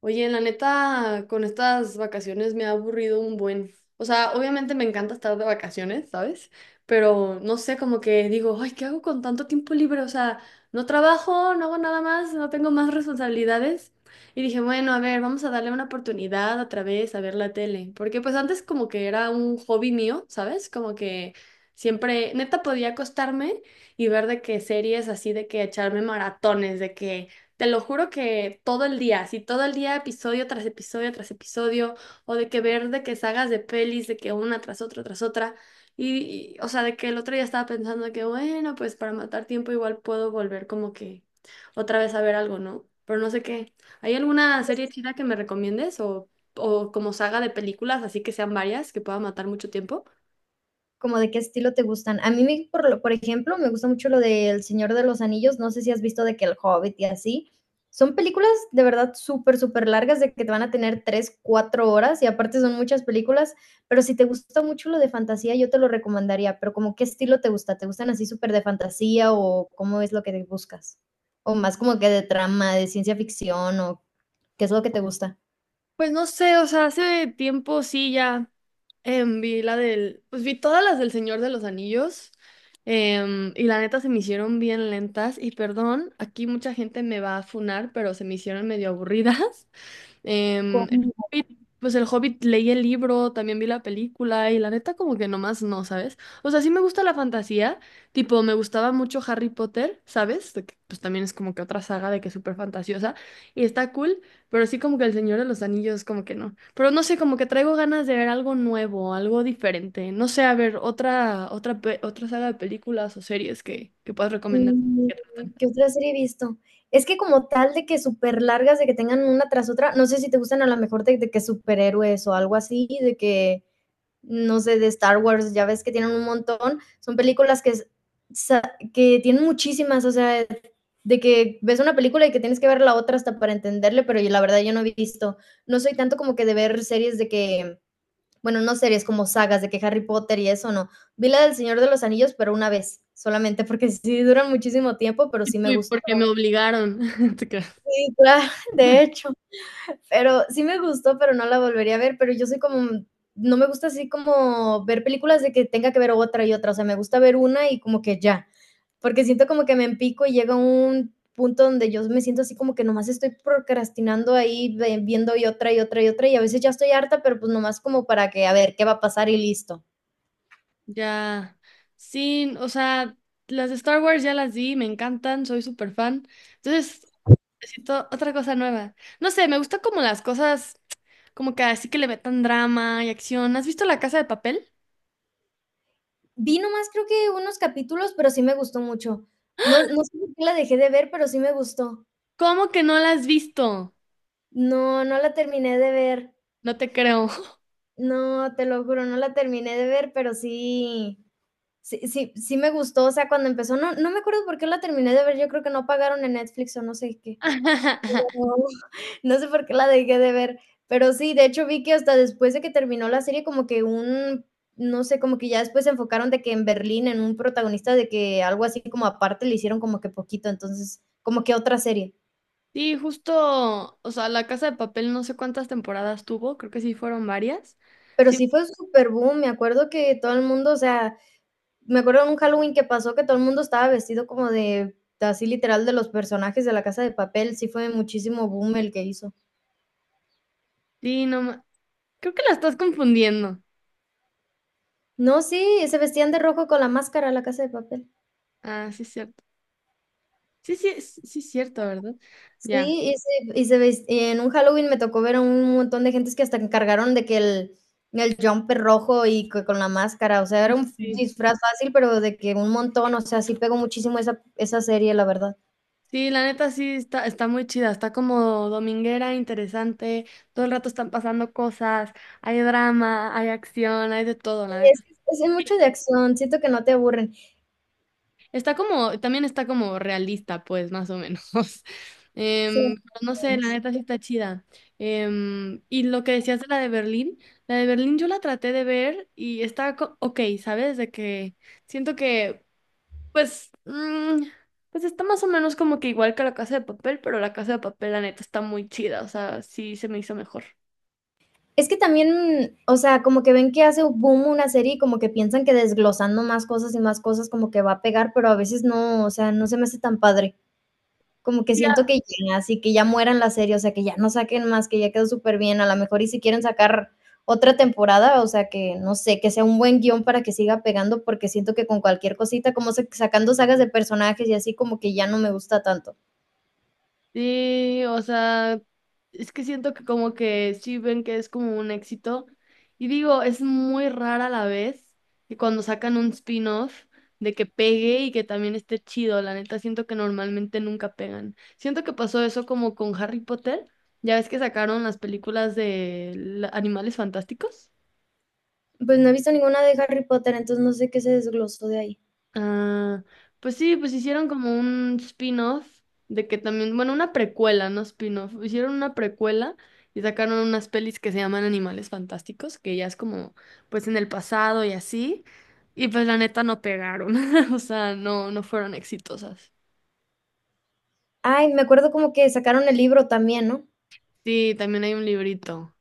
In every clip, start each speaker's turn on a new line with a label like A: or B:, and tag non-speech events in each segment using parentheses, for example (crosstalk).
A: Oye, la neta, con estas vacaciones me ha aburrido un buen. O sea, obviamente me encanta estar de vacaciones, ¿sabes? Pero no sé, como que digo, ay, ¿qué hago con tanto tiempo libre? O sea, no trabajo, no hago nada más, no tengo más responsabilidades. Y dije, bueno, a ver, vamos a darle una oportunidad otra vez a ver la tele. Porque pues antes como que era un hobby mío, ¿sabes? Como que siempre, neta, podía acostarme y ver de qué series así, de que echarme maratones, de que... Te lo juro que todo el día, así todo el día, episodio tras episodio tras episodio, o de que ver de que sagas de pelis, de que una tras otra tras otra. Y, o sea, de que el otro día estaba pensando que, bueno, pues para matar tiempo igual puedo volver como que otra vez a ver algo, ¿no? Pero no sé qué. ¿Hay alguna serie chida que me recomiendes o como saga de películas, así que sean varias, que pueda matar mucho tiempo?
B: Como de qué estilo te gustan. A mí, por ejemplo, me gusta mucho lo del Señor de los Anillos. No sé si has visto de que El Hobbit y así. Son películas de verdad súper largas, de que te van a tener 3, 4 horas y aparte son muchas películas, pero si te gusta mucho lo de fantasía, yo te lo recomendaría, pero como qué estilo te gusta, ¿te gustan así súper de fantasía o cómo es lo que buscas? O más como que de trama, de ciencia ficción o qué es lo que te gusta.
A: Pues no sé, o sea, hace tiempo sí ya vi la del, pues vi todas las del Señor de los Anillos y la neta se me hicieron bien lentas y perdón, aquí mucha gente me va a funar, pero se me hicieron medio aburridas. (laughs) El Hobbit, pues el Hobbit leí el libro, también vi la película y la neta como que nomás no, ¿sabes? O sea, sí me gusta la fantasía, tipo me gustaba mucho Harry Potter, ¿sabes? De que, pues también es como que otra saga de que es súper fantasiosa y está cool, pero sí como que El Señor de los Anillos como que no. Pero no sé, como que traigo ganas de ver algo nuevo, algo diferente, no sé, a ver otra pe- otra saga de películas o series que puedas recomendar.
B: Mm,
A: Que tratan.
B: ¿qué otra serie he visto? Es que como tal de que súper largas, de que tengan una tras otra, no sé si te gustan a lo mejor de que superhéroes o algo así, de que, no sé, de Star Wars, ya ves que tienen un montón, son películas que s sa que tienen muchísimas, o sea, de que ves una película y que tienes que ver la otra hasta para entenderle, pero yo la verdad yo no he visto. No soy tanto como que de ver series de que bueno, no series como sagas de que Harry Potter y eso, no. Vi la del Señor de los Anillos, pero una vez, solamente porque (laughs) sí duran muchísimo tiempo, pero
A: Y
B: sí me
A: tú,
B: gustó.
A: porque me obligaron. (laughs) Te creo.
B: Sí, claro, (laughs) de hecho, pero sí me gustó, pero no la volvería a ver, pero yo soy como no me gusta así como ver películas de que tenga que ver otra y otra, o sea, me gusta ver una y como que ya, porque siento como que me empico y llega un punto donde yo me siento así como que nomás estoy procrastinando ahí viendo y otra y otra y otra y a veces ya estoy harta, pero pues nomás como para que a ver qué va a pasar y listo.
A: Ya, sí, o sea, las de Star Wars ya las vi, me encantan, soy súper fan. Entonces, necesito otra cosa nueva. No sé, me gusta como las cosas, como que así que le metan drama y acción. ¿Has visto La Casa de Papel?
B: Vi nomás creo que unos capítulos, pero sí me gustó mucho. No sé por qué la dejé de ver, pero sí me gustó.
A: ¿Cómo que no la has visto?
B: No, no la terminé de ver.
A: No te creo.
B: No, te lo juro, no la terminé de ver, pero sí me gustó, o sea, cuando empezó, no me acuerdo por qué la terminé de ver, yo creo que no pagaron en Netflix o no sé qué. No,
A: (laughs)
B: (laughs) no sé por qué la dejé de ver, pero sí, de hecho vi que hasta después de que terminó la serie como que un no sé, como que ya después se enfocaron de que en Berlín, en un protagonista, de que algo así como aparte le hicieron como que poquito, entonces, como que otra serie.
A: Sí, justo, o sea, La Casa de Papel no sé cuántas temporadas tuvo, creo que sí fueron varias.
B: Pero
A: Sí,
B: sí fue súper boom, me acuerdo que todo el mundo, o sea, me acuerdo de un Halloween que pasó que todo el mundo estaba vestido como de, así literal, de los personajes de La Casa de Papel, sí fue muchísimo boom el que hizo.
A: sí, no, ma- creo que la estás confundiendo.
B: No, sí, se vestían de rojo con la máscara La Casa de Papel.
A: Ah, sí es cierto. Sí, sí, sí es cierto, ¿verdad? Ya.
B: Sí, y se ves y en un Halloween me tocó ver a un montón de gentes que hasta encargaron de que el jumper rojo y que con la máscara, o sea, era un
A: Sí,
B: disfraz fácil, pero de que un montón, o sea, sí pegó muchísimo esa serie, la verdad.
A: sí, la neta sí está, está muy chida, está como dominguera, interesante, todo el rato están pasando cosas, hay drama, hay acción, hay de todo,
B: Sí,
A: la neta.
B: es que es mucho de acción, siento que no te aburren.
A: Está como, también está como realista, pues, más o menos. (laughs)
B: Sí,
A: Pero no sé, la
B: es
A: neta sí está chida. Y lo que decías de la de Berlín yo la traté de ver y está co- ok, ¿sabes? De que siento que pues, pues está más o menos como que igual que la Casa de Papel, pero la Casa de Papel, la neta, está muy chida, o sea, sí se me hizo mejor.
B: es que también, o sea, como que ven que hace boom una serie y como que piensan que desglosando más cosas y más cosas como que va a pegar, pero a veces no, o sea, no se me hace tan padre. Como que siento
A: Ya.
B: que ya, así que ya mueran la serie, o sea, que ya no saquen más, que ya quedó súper bien a lo mejor y si quieren sacar otra temporada, o sea, que no sé, que sea un buen guión para que siga pegando, porque siento que con cualquier cosita, como sacando sagas de personajes y así, como que ya no me gusta tanto.
A: Sí, o sea, es que siento que como que sí ven que es como un éxito. Y digo, es muy rara la vez que cuando sacan un spin-off de que pegue y que también esté chido, la neta, siento que normalmente nunca pegan. Siento que pasó eso como con Harry Potter, ya ves que sacaron las películas de la- Animales Fantásticos.
B: Pues no he visto ninguna de Harry Potter, entonces no sé qué se desglosó de ahí.
A: Ah, pues sí, pues hicieron como un spin-off de que también, bueno, una precuela, no spin-off, hicieron una precuela y sacaron unas pelis que se llaman Animales Fantásticos, que ya es como, pues en el pasado y así, y pues la neta no pegaron, (laughs) o sea, no, no fueron exitosas.
B: Ay, me acuerdo como que sacaron el libro también, ¿no?
A: Sí, también hay un librito.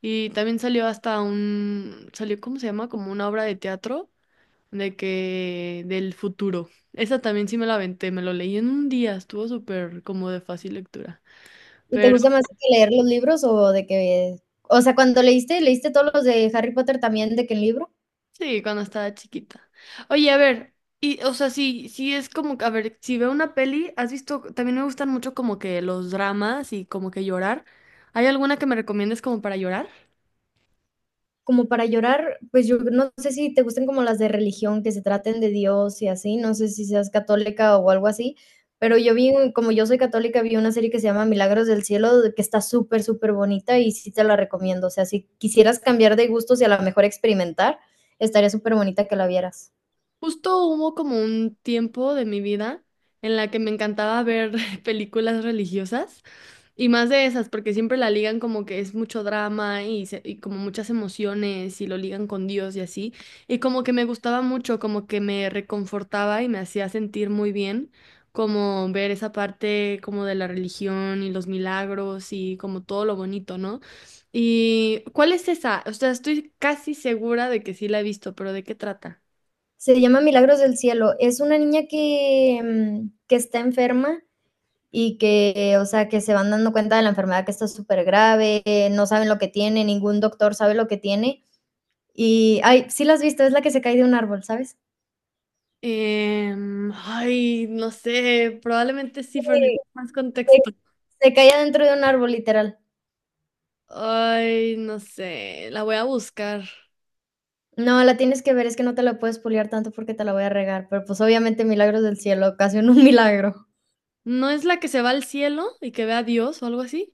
A: Y también salió hasta un, salió, ¿cómo se llama? Como una obra de teatro de que del futuro. Esa también sí me la aventé, me lo leí en un día, estuvo súper como de fácil lectura.
B: ¿Y te
A: Pero
B: gusta más que leer los libros o de que, o sea, cuando leíste, leíste todos los de Harry Potter también de que el libro?
A: sí, cuando estaba chiquita. Oye, a ver, y o sea, sí, sí es como, que- a ver, si veo una peli, has visto, también me gustan mucho como que los dramas y como que llorar. ¿Hay alguna que me recomiendes como para llorar?
B: Como para llorar, pues yo no sé si te gusten como las de religión, que se traten de Dios y así, no sé si seas católica o algo así, pero yo vi, como yo soy católica, vi una serie que se llama Milagros del Cielo, de que está súper bonita y sí te la recomiendo. O sea, si quisieras cambiar de gustos y a lo mejor experimentar, estaría súper bonita que la vieras.
A: Justo hubo como un tiempo de mi vida en la que me encantaba ver (laughs) películas religiosas. Y más de esas, porque siempre la ligan como que es mucho drama y, se- y como muchas emociones y lo ligan con Dios y así. Y como que me gustaba mucho, como que me reconfortaba y me hacía sentir muy bien, como ver esa parte como de la religión y los milagros y como todo lo bonito, ¿no? ¿Y cuál es esa? O sea, estoy casi segura de que sí la he visto, pero ¿de qué trata?
B: Se llama Milagros del Cielo. Es una niña que, que está enferma y que, o sea, que se van dando cuenta de la enfermedad que está súper grave, no saben lo que tiene, ningún doctor sabe lo que tiene. Y, ay, sí la has visto, es la que se cae de un árbol, ¿sabes?
A: Ay, no sé, probablemente sí, pero
B: Sí.
A: necesito más
B: Se
A: contexto.
B: se cae adentro de un árbol, literal.
A: Ay, no sé, la voy a buscar.
B: No, la tienes que ver, es que no te la puedes spoilear tanto porque te la voy a regar, pero, pues, obviamente Milagros del Cielo, ocasionó un (laughs) milagro.
A: ¿No es la que se va al cielo y que ve a Dios o algo así?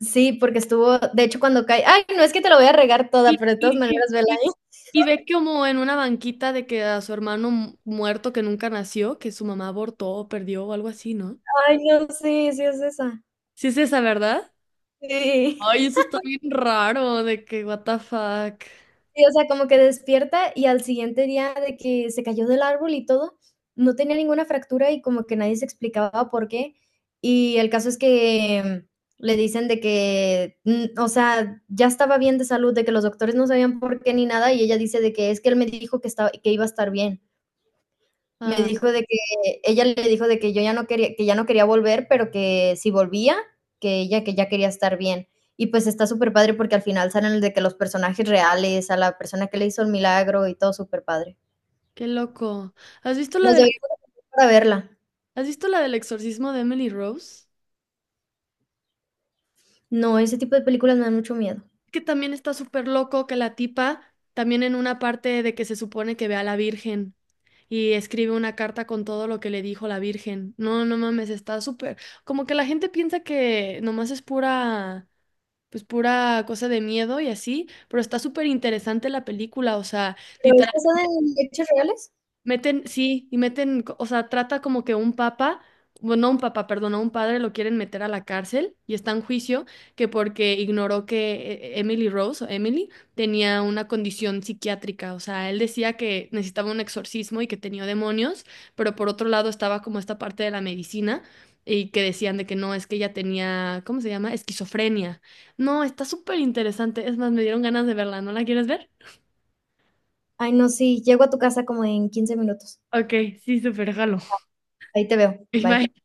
B: Sí, porque estuvo de hecho, cuando cae ay, no, es que te la voy a regar toda,
A: Y,
B: pero de todas
A: y,
B: maneras
A: y,
B: vela
A: y-
B: ahí.
A: y ve como en una banquita de que a su hermano mu- muerto que nunca nació, que su mamá abortó o perdió o algo así, ¿no?
B: Ay, no, sí, sí es esa.
A: Sí es esa, ¿verdad?
B: Sí.
A: Ay, eso está bien raro, de que what the fuck.
B: Sí, o sea, como que despierta y al siguiente día de que se cayó del árbol y todo, no tenía ninguna fractura y como que nadie se explicaba por qué. Y el caso es que le dicen de que, o sea, ya estaba bien de salud, de que los doctores no sabían por qué ni nada, y ella dice de que es que él me dijo que estaba que iba a estar bien. Me
A: Ah,
B: dijo de que ella le dijo de que yo ya no quería que ya no quería volver, pero que si volvía, que ella que ya quería estar bien. Y pues está súper padre porque al final salen de que los personajes reales, a la persona que le hizo el milagro y todo superpadre.
A: qué loco. ¿Has visto la
B: Nos
A: del,
B: deberíamos de juntar para verla.
A: ¿has visto la del exorcismo de Emily Rose?
B: No, ese tipo de películas me dan mucho miedo.
A: Que también está súper loco que la tipa, también en una parte de que se supone que ve a la Virgen y escribe una carta con todo lo que le dijo la Virgen. No, no mames, está súper. Como que la gente piensa que nomás es pura, pues pura cosa de miedo y así, pero está súper interesante la película, o sea,
B: ¿Pero es
A: literalmente
B: basada en hechos reales?
A: meten, sí, y meten, co- o sea, trata como que un papa, bueno, no un papa, perdón, a un padre lo quieren meter a la cárcel y está en juicio que porque ignoró que Emily Rose o Emily tenía una condición psiquiátrica, o sea, él decía que necesitaba un exorcismo y que tenía demonios, pero por otro lado estaba como esta parte de la medicina y que decían de que no, es que ella tenía, ¿cómo se llama? Esquizofrenia. No, está súper interesante, es más, me dieron ganas de verla, ¿no la quieres ver?
B: Ay, no, sí, llego a tu casa como en 15 minutos.
A: Ok, sí, súper, jalo.
B: Ahí te veo.
A: (laughs) Bye.
B: Bye.